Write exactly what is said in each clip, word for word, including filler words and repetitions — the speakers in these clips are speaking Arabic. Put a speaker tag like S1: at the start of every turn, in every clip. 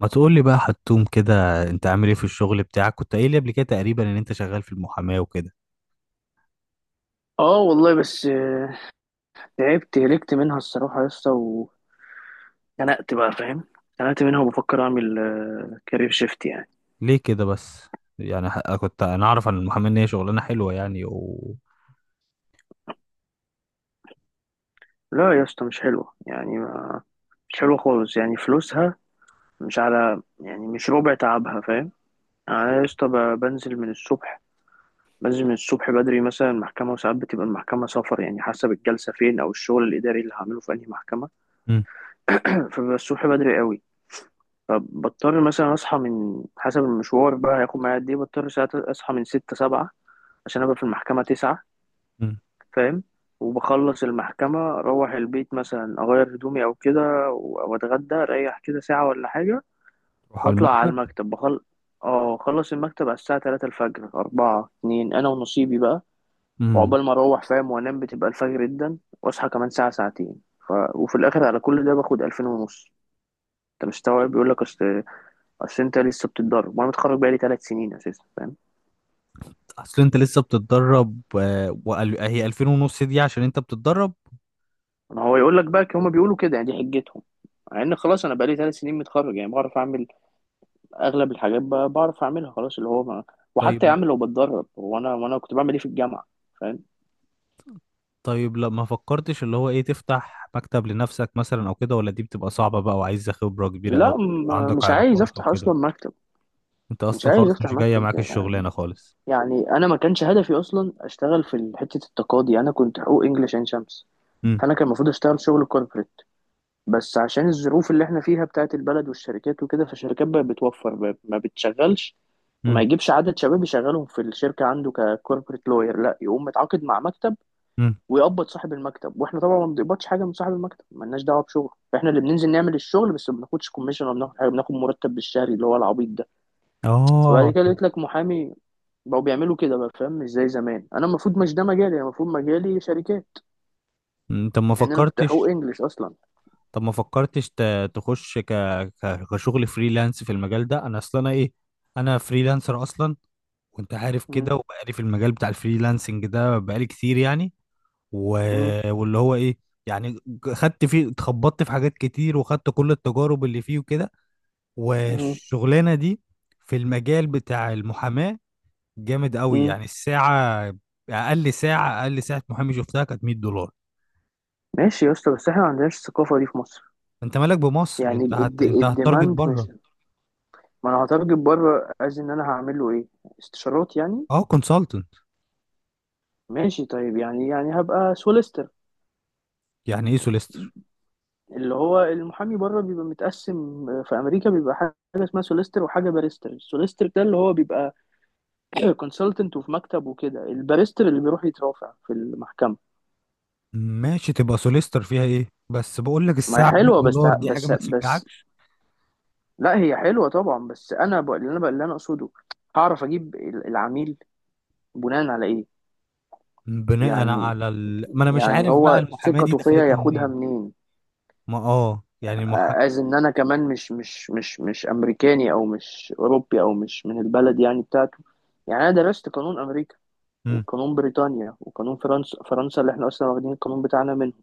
S1: ما تقول لي بقى حتوم كده، انت عامل ايه في الشغل بتاعك؟ كنت قايل لي قبل كده تقريبا ان انت شغال في المحاماة وكده.
S2: اه والله بس آه، تعبت هلكت منها الصراحة يا اسطى واتخنقت. بقى فاهم. اتخنقت منها وبفكر اعمل كارير شيفت يعني.
S1: ليه كده بس؟ يعني ح- كنت انا اعرف عن المحاماة ان هي شغلانة حلوة، يعني و...
S2: لا يا اسطى مش حلوة يعني ما- مش حلوة خالص يعني فلوسها مش على يعني مش ربع تعبها فاهم. يعني انا يا اسطى ب- بنزل من الصبح بنزل من الصبح بدري مثلا المحكمة، وساعات بتبقى المحكمة سفر يعني حسب الجلسة فين أو الشغل الإداري اللي هعمله في أنهي محكمة.
S1: مم.
S2: فببقى الصبح بدري قوي، فبضطر مثلا أصحى من حسب المشوار بقى هياخد معايا قد إيه، بضطر ساعات أصحى من ستة سبعة عشان ابقى في المحكمة تسعة.
S1: مم.
S2: فاهم. وبخلص المحكمة اروح البيت مثلا اغير هدومي او كده، و- واتغدى اريح كده ساعة ولا حاجة.
S1: تروح على
S2: واطلع على
S1: المكتب.
S2: المكتب بخل. اه اخلص المكتب على الساعة تلاتة الفجر اربعة اتنين انا ونصيبي بقى.
S1: امم.
S2: وعقبال ما اروح فاهم وانام بتبقى الفجر جدا، واصحى كمان ساعة ساعتين. ف... وفي الاخر على كل ده باخد الفين ونص. انت مستوعب. بيقول لك اصل اصل انت لسه بتتدرب، وانا متخرج بقالي ثلاث سنين اساسا فاهم.
S1: اصل انت لسه بتتدرب، آه، وقال- هي ألفين ونص دي عشان انت بتتدرب؟
S2: ما هو يقول لك بقى، هما بيقولوا كده، يعني دي حجتهم. مع ان خلاص انا بقالي ثلاث سنين متخرج، يعني بعرف اعمل اغلب الحاجات بقى، بعرف اعملها خلاص اللي هو ما. وحتى يا
S1: طيب.
S2: عم لو بتدرب، هو انا وانا كنت بعمل ايه في الجامعه. فاهم.
S1: طيب، لا ما فكرتش اللي هو ايه، تفتح مكتب لنفسك مثلا او كده؟ ولا دي بتبقى صعبة بقى وعايزة خبرة كبيرة او؟
S2: لا
S1: يبقى
S2: م-
S1: عندك
S2: مش عايز
S1: علاقات
S2: افتح
S1: وكده،
S2: اصلا مكتب.
S1: انت
S2: مش
S1: اصلا
S2: عايز
S1: خلاص
S2: افتح
S1: مش جاية
S2: مكتب
S1: معاك
S2: يعني.
S1: الشغلانة خالص.
S2: يعني انا ما كانش هدفي اصلا اشتغل في حته التقاضي. انا كنت حقوق انجلش عين شمس، فانا كان المفروض اشتغل شغل كوربريت. بس عشان الظروف اللي احنا فيها بتاعت البلد والشركات وكده، فالشركات بقت بتوفر ب- ما بتشغلش، ما يجيبش عدد شباب يشغلهم في الشركة عنده ككوربريت لوير، لا يقوم متعاقد مع مكتب
S1: امم.
S2: ويقبض صاحب المكتب. واحنا طبعا ما بنقبضش حاجة من صاحب المكتب، مالناش دعوة بشغل. احنا اللي بننزل نعمل الشغل، بس ما بناخدش كوميشن ولا بناخد حاجة، بناخد مرتب بالشهري اللي هو العبيط ده. فبعد
S1: اه.
S2: كده قلت لك محامي بقوا بيعملوا كده بقى. فاهم. مش زي زمان. انا المفروض مش ده مجالي، انا المفروض مجالي شركات،
S1: م، طب ما
S2: لان انا كنت حقوق
S1: فكرتش،
S2: انجلش اصلا.
S1: طب ما فكرتش ت- تخش ك... ك... كشغل فريلانس في المجال ده؟ انا اصلا انا ايه، انا فريلانسر اصلا وانت عارف
S2: م-
S1: كده، وبقالي في المجال بتاع الفريلانسنج ده بقالي كتير، يعني و...
S2: م-
S1: واللي هو ايه، يعني خدت فيه، اتخبطت في حاجات كتير وخدت كل التجارب اللي فيه وكده.
S2: م-
S1: والشغلانة دي في المجال بتاع المحاماة جامد قوي،
S2: م.
S1: يعني الساعة، اقل ساعة اقل ساعة محامي شفتها كانت ميت دولار.
S2: ماشي يا اسطى، بس احنا ما عندناش الثقافة دي في مصر.
S1: انت مالك بمصر،
S2: يعني
S1: انت هت...
S2: الد-
S1: انت هتارجت
S2: الديماند مش،
S1: بره.
S2: ما انا هترجم بره از ان انا هعمل له ايه، استشارات يعني.
S1: اه، كونسلتنت.
S2: ماشي طيب، يعني يعني هبقى سوليستر.
S1: يعني ايه سوليستر؟
S2: اللي هو المحامي بره بيبقى متقسم، في امريكا بيبقى حاجه اسمها سوليستر وحاجه باريستر. السوليستر ده اللي هو بيبقى كونسلتنت وفي مكتب وكده، الباريستر اللي بيروح يترافع في المحكمه.
S1: ماشي، تبقى سوليستر، فيها ايه؟ بس بقول لك
S2: ما هي
S1: الساعه ب 100
S2: حلوه بس
S1: دولار دي حاجه
S2: بس
S1: ما
S2: بس
S1: تشجعكش.
S2: لا هي حلوه طبعا. بس انا بقى اللي انا بقى اللي انا اقصده، هعرف اجيب ال- العميل بناء على ايه.
S1: بناء
S2: يعني
S1: على ال... ما انا مش
S2: يعني
S1: عارف بقى
S2: هو
S1: المحاماه دي
S2: ثقته فيا
S1: دخلتها
S2: ياخدها
S1: منين.
S2: منين،
S1: ما اه، يعني المح
S2: از ان انا كمان مش مش مش مش امريكاني، او مش اوروبي، او مش من البلد يعني بتاعته. يعني انا درست قانون امريكا
S1: مم.
S2: وقانون بريطانيا وقانون فرنسا. فرنسا اللي احنا اصلا واخدين القانون بتاعنا منه.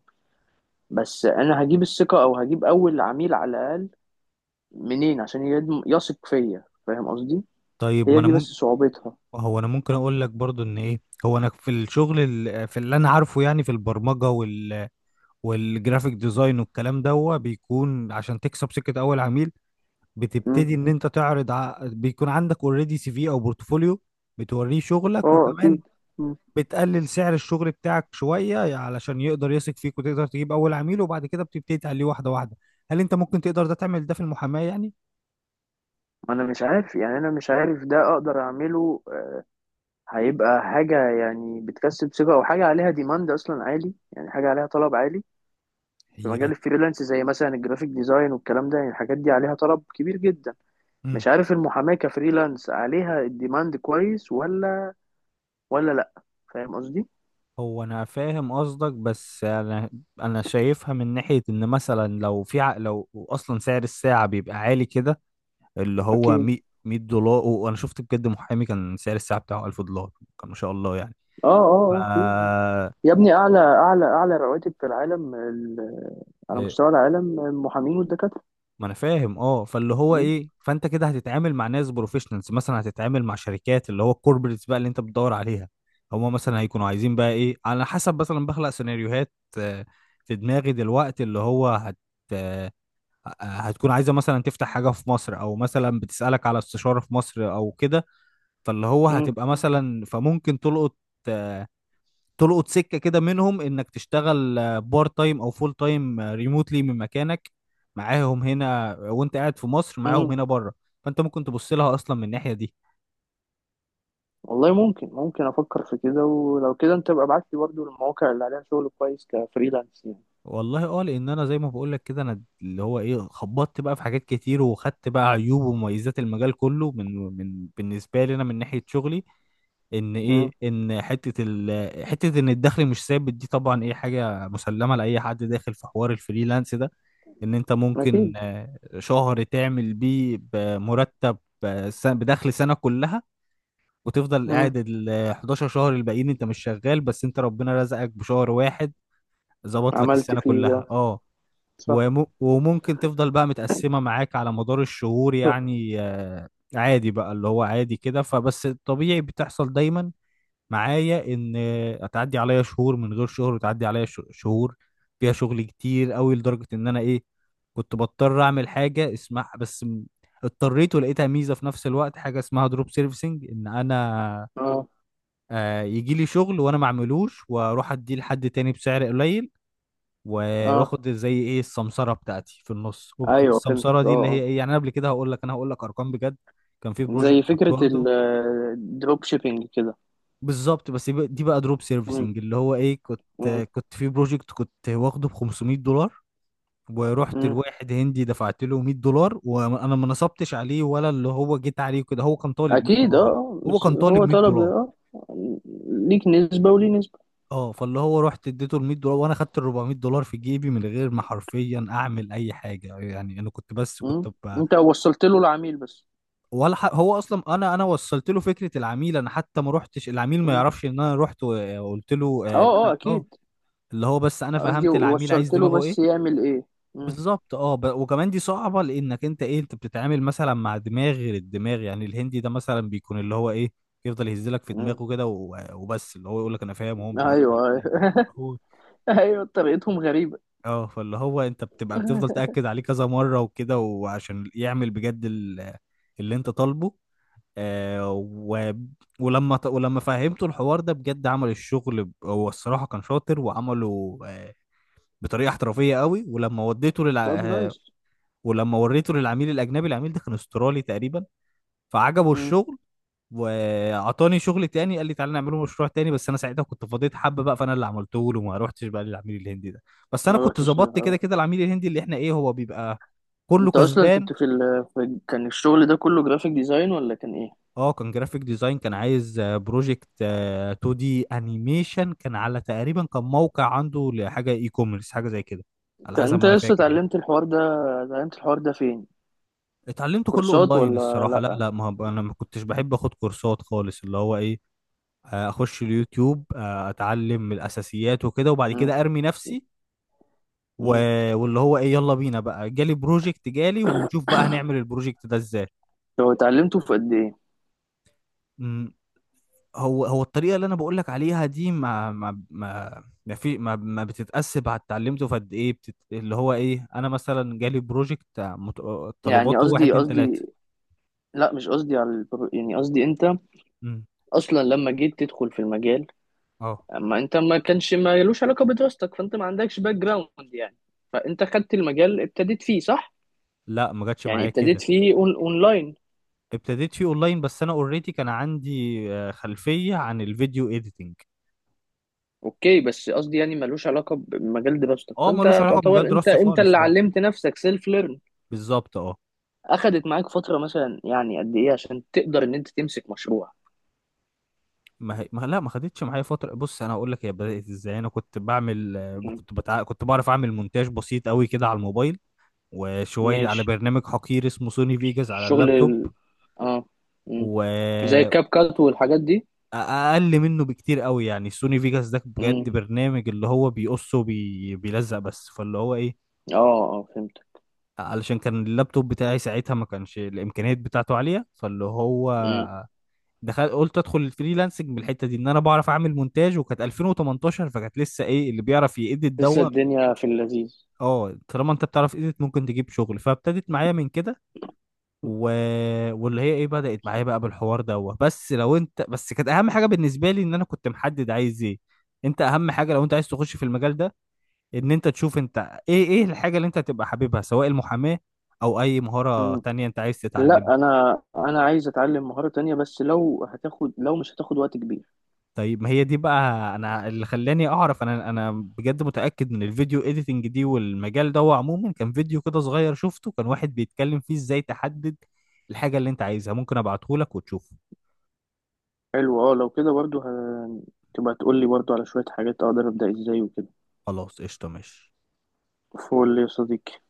S2: بس انا هجيب الثقة، او هجيب اول عميل على الاقل منين، عشان يدم- يثق فيا فاهم قصدي.
S1: طيب ما
S2: هي
S1: انا
S2: دي بس
S1: ممكن،
S2: صعوبتها.
S1: هو انا ممكن اقول لك برضو ان ايه، هو انا في الشغل ال... في اللي انا عارفه، يعني في البرمجه وال... والجرافيك ديزاين والكلام ده، هو بيكون عشان تكسب سكه اول عميل،
S2: مم.
S1: بتبتدي ان انت تعرض ع... بيكون عندك اوريدي سي في او بورتفوليو، بتوريه شغلك،
S2: اه اكيد.
S1: وكمان
S2: مم.
S1: بتقلل سعر الشغل بتاعك شوية علشان يقدر يثق فيك، وتقدر تجيب اول عميل، وبعد كده بتبتدي تعليه واحدة واحدة. هل انت ممكن تقدر ده، تعمل ده في المحاماة يعني؟
S2: انا مش عارف، يعني انا مش عارف ده اقدر اعمله. هيبقى حاجة يعني بتكسب ثقة، أو حاجة عليها ديماند أصلا عالي، يعني حاجة عليها طلب عالي في
S1: هي،
S2: مجال الفريلانس زي مثلا الجرافيك ديزاين والكلام ده. يعني الحاجات دي عليها طلب كبير جدا.
S1: امم.
S2: مش عارف المحاماة كفريلانس عليها الديماند كويس ولا ولا لأ. فاهم قصدي؟
S1: هو انا فاهم قصدك، بس انا، انا شايفها من ناحيه ان مثلا لو في ع- لو اصلا سعر الساعه بيبقى عالي كده، اللي هو
S2: أكيد
S1: مية مية دولار. وانا شفت بجد محامي كان سعر الساعه بتاعه ألف دولار. كان ما شاء الله يعني.
S2: اه
S1: ف...
S2: اه اه في. يا ابني اعلى اعلى اعلى رواتب في العالم، ال- على
S1: إيه،
S2: مستوى العالم المحامين والدكاتره.
S1: ما انا فاهم، اه، فاللي هو
S2: مم.
S1: ايه، فانت كده هتتعامل مع ناس بروفيشنالز، مثلا هتتعامل مع شركات، اللي هو الكوربريتس بقى اللي انت بتدور عليها. هما مثلا هيكونوا عايزين بقى ايه، على حسب، مثلا بخلق سيناريوهات آه، في دماغي دلوقتي، اللي هو هت آه، هتكون عايزه مثلا تفتح حاجه في مصر، او مثلا بتسالك على استشاره في مصر او كده. فاللي هو
S2: مم.
S1: هتبقى مثلا، فممكن تلقط، آه، تلقط سكه كده منهم، انك تشتغل بارت تايم او فول تايم ريموتلي من مكانك، معاهم هنا، وانت قاعد في مصر معاهم
S2: مم.
S1: هنا بره. فانت ممكن تبص لها اصلا من الناحيه دي.
S2: والله ممكن ممكن افكر في كده. ولو كده انت ابقى ابعت لي برضه المواقع اللي عليها شغل كويس كفريلانس.
S1: والله اه، لان انا زي ما بقول لك كده، انا اللي هو ايه، خبطت بقى في حاجات كتير، وخدت بقى عيوب ومميزات المجال كله من من بالنسبه لي انا من ناحيه شغلي، ان
S2: مم.
S1: ايه، ان حته ال حته ان الدخل مش ثابت دي طبعا ايه، حاجه مسلمه لاي حد داخل في حوار الفريلانس ده. ان انت ممكن
S2: أكيد.
S1: آه، شهر تعمل بيه بمرتب آه، س- بدخل سنة كلها، وتفضل
S2: مم.
S1: قاعد ال حداشر شهر الباقيين انت مش شغال، بس انت ربنا رزقك بشهر واحد ظبط لك
S2: عملت
S1: السنة
S2: فيه
S1: كلها،
S2: اه.
S1: اه.
S2: صح.
S1: وم- وممكن تفضل بقى متقسمة معاك على مدار الشهور، يعني آه، عادي بقى، اللي هو عادي كده. فبس الطبيعي بتحصل دايما معايا، ان هتعدي عليا شهور من غير شهر، وتعدي عليا ش- شهور فيها شغل كتير قوي، لدرجة ان انا ايه، كنت بضطر اعمل حاجة اسمها بس م- اضطريت ولقيتها ميزة في نفس الوقت، حاجة اسمها دروب سيرفيسنج، ان انا
S2: اه
S1: آه، يجي لي شغل وانا ما اعملوش واروح اديه لحد تاني بسعر قليل، و-
S2: اه
S1: واخد زي ايه السمسرة بتاعتي في النص. وبتكون
S2: أيوه فهمتك
S1: السمسرة
S2: اه
S1: دي اللي هي
S2: اه.
S1: ايه، يعني انا قبل كده هقول لك، انا هقول لك ارقام بجد. كان في بروجكت
S2: زي
S1: كنت
S2: فكرة
S1: واخده.
S2: الدروب شيبينج كده.
S1: بالظبط، بس يبقى- دي بقى دروب
S2: مم.
S1: سيرفيسنج، اللي هو ايه، كنت
S2: مم.
S1: كنت في بروجكت كنت واخده ب خمسمئة دولار، ورحت
S2: مم.
S1: لواحد هندي دفعت له مية دولار، وانا ما نصبتش عليه، ولا اللي هو جيت عليه كده، هو كان طالب 100
S2: أكيد اه
S1: دولار
S2: آه.
S1: هو
S2: بس
S1: كان طالب
S2: هو
S1: 100
S2: طلب
S1: دولار
S2: اه ليك نسبة وليه نسبة.
S1: اه، فاللي هو رحت اديته ال ميت دولار، وانا خدت ال أربعمية دولار في جيبي من غير ما حرفيا اعمل اي حاجه، يعني انا كنت بس كنت
S2: مم.
S1: ب...
S2: أنت وصلت له العميل بس.
S1: ولا ح... هو اصلا انا انا وصلت له فكره العميل، انا حتى ما رحتش، العميل ما
S2: مم.
S1: يعرفش ان انا رحت وقلت له
S2: اه
S1: آه، ان
S2: اه
S1: انا اه،
S2: أكيد.
S1: اللي هو بس انا
S2: قصدي
S1: فهمت العميل عايز
S2: وصلت له
S1: دماغه
S2: بس
S1: ايه.
S2: يعمل إيه. مم.
S1: بالظبط اه، ب... وكمان دي صعبة، لانك انت ايه، انت بتتعامل مثلا مع دماغ غير الدماغ، يعني الهندي ده مثلا بيكون اللي هو ايه، يفضل يهزلك في
S2: مم.
S1: دماغه كده و... وبس اللي هو يقول لك انا فاهم، هو ما
S2: أيوه
S1: بيبقاش فاهم
S2: أيوه.
S1: حاجة. فاللي هو
S2: أيوه طريقتهم غريبة.
S1: اه، فاللي هو انت بتبقى بتفضل تأكد عليه كذا مرة وكده، وعشان يعمل بجد ال... اللي انت طالبه، آه و... ولما ت- ولما فهمته الحوار ده بجد، عمل الشغل ب- هو الصراحة كان شاطر وعمله آه، بطريقه احترافيه قوي. ولما وديته للع...
S2: طب
S1: آه،
S2: نايس.
S1: ولما وريته للعميل الاجنبي، العميل ده كان استرالي تقريبا، فعجبه
S2: مم.
S1: الشغل وعطاني شغل تاني، قال لي تعالى نعمله مشروع تاني، بس انا ساعتها كنت فضيت حبه بقى، فانا اللي عملته له وما روحتش بقى للعميل الهندي ده. بس انا
S2: ما
S1: كنت
S2: رحتش ليه
S1: ظبطت كده
S2: اه.
S1: كده، العميل الهندي اللي احنا ايه، هو بيبقى كله
S2: انت اصلا
S1: كسبان.
S2: كنت في، ال... في كان الشغل ده كله جرافيك ديزاين ولا كان ايه؟
S1: اه، كان جرافيك ديزاين، كان عايز بروجكت اتنين دي انيميشن، كان على تقريبا كان موقع عنده لحاجه اي كوميرس، حاجه زي كده، على
S2: انت
S1: حسب
S2: انت
S1: ما انا
S2: لسه
S1: فاكر يعني.
S2: اتعلمت الحوار ده. اتعلمت الحوار ده فين؟
S1: اتعلمته كله
S2: كورسات
S1: اونلاين
S2: ولا
S1: الصراحه، لا
S2: لا.
S1: لا ما هب- انا ما كنتش بحب اخد كورسات خالص، اللي هو ايه، آه، اخش اليوتيوب، آه، اتعلم من الاساسيات وكده، وبعد
S2: مم.
S1: كده ارمي نفسي و...
S2: مم.
S1: واللي هو ايه، يلا بينا بقى، جالي بروجكت، جالي ونشوف بقى هنعمل البروجكت ده ازاي.
S2: لو اتعلمته في قد ايه؟
S1: مم، هو هو الطريقه اللي انا بقول لك عليها دي، ما ما ما ما في ما, ما بتتقاس على اتعلمته في قد ايه، بتت... اللي هو ايه، انا مثلا جالي بروجكت آه، مت...
S2: يعني
S1: طلباته واحد
S2: قصدي
S1: اتنين تلاته.
S2: قصدي لا مش قصدي على البرو... يعني قصدي انت
S1: مم،
S2: اصلا لما جيت تدخل في المجال،
S1: اه.
S2: اما انت ما كانش ما يلوش علاقة بدراستك، فانت ما عندكش باك جراوند يعني. فانت خدت المجال ابتديت فيه صح.
S1: لا، ما جاتش
S2: يعني
S1: معايا
S2: ابتديت
S1: كده،
S2: فيه اون اونلاين.
S1: ابتديت فيه اونلاين. بس انا اوريدي كان عندي آه، خلفيه عن الفيديو اديتنج.
S2: اوكي، بس قصدي يعني ملوش علاقه بمجال دراستك،
S1: اه ملوش
S2: فانت
S1: علاقه بمجال
S2: تعتبر انت
S1: دراستي
S2: انت
S1: خالص
S2: اللي
S1: اه،
S2: علمت نفسك سيلف ليرن.
S1: بالظبط اه.
S2: اخدت معاك فتره مثلا يعني قد ايه عشان تقدر ان انت تمسك مشروع؟
S1: ما هي... ما لا، ما خدتش معايا فتره. بص انا هقول لك هي بدات ازاي، انا كنت بعمل آه،
S2: مم.
S1: كنت بتع... كنت بعرف اعمل مونتاج بسيط قوي كده على الموبايل، وشويه على
S2: ماشي.
S1: برنامج حقير اسمه سوني فيجاس على
S2: شغل
S1: اللابتوب.
S2: ال... اه. مم. زي
S1: و...
S2: الكاب كات والحاجات دي.
S1: اقل منه بكتير قوي يعني، سوني فيجاس ده بجد
S2: مم.
S1: برنامج اللي هو بيقص وبيلزق بس، فاللي هو ايه،
S2: اه اه فهمت.
S1: علشان كان اللابتوب بتاعي ساعتها ما كانش الامكانيات بتاعته عاليه، فاللي هو
S2: مم.
S1: دخل، قلت ادخل الفريلانسنج من الحته دي ان انا بعرف اعمل مونتاج. وكانت ألفين وتمنتاشر، فكانت لسه ايه، اللي بيعرف يأديت
S2: لسه
S1: دوا،
S2: الدنيا في اللذيذ.
S1: اه طالما انت بتعرف إيديت ممكن تجيب شغل، فابتدت معايا من كده و... واللي هي ايه، بدأت معايا بقى بالحوار دوا. بس لو انت، بس كانت اهم حاجه بالنسبه لي ان انا كنت محدد عايز ايه. انت اهم حاجه لو انت عايز تخش في المجال ده، ان انت تشوف انت ايه ايه الحاجه اللي انت هتبقى حاببها، سواء المحاماه او اي مهاره
S2: مم.
S1: تانية انت عايز
S2: لا
S1: تتعلمها.
S2: انا انا عايز اتعلم مهارة تانية، بس لو هتاخد، لو مش هتاخد وقت كبير.
S1: طيب ما هي دي بقى، انا اللي خلاني اعرف انا انا بجد متاكد من الفيديو اديتنج دي والمجال ده، هو عموما كان فيديو كده صغير شفته، كان واحد بيتكلم فيه ازاي تحدد الحاجه اللي انت عايزها. ممكن ابعته لك وتشوفه.
S2: حلو اه. لو كده برضو ه... تبقى تقول لي برضو على شوية حاجات اقدر ابدأ ازاي وكده.
S1: خلاص قشطه، ماشي.
S2: فول يا صديقي.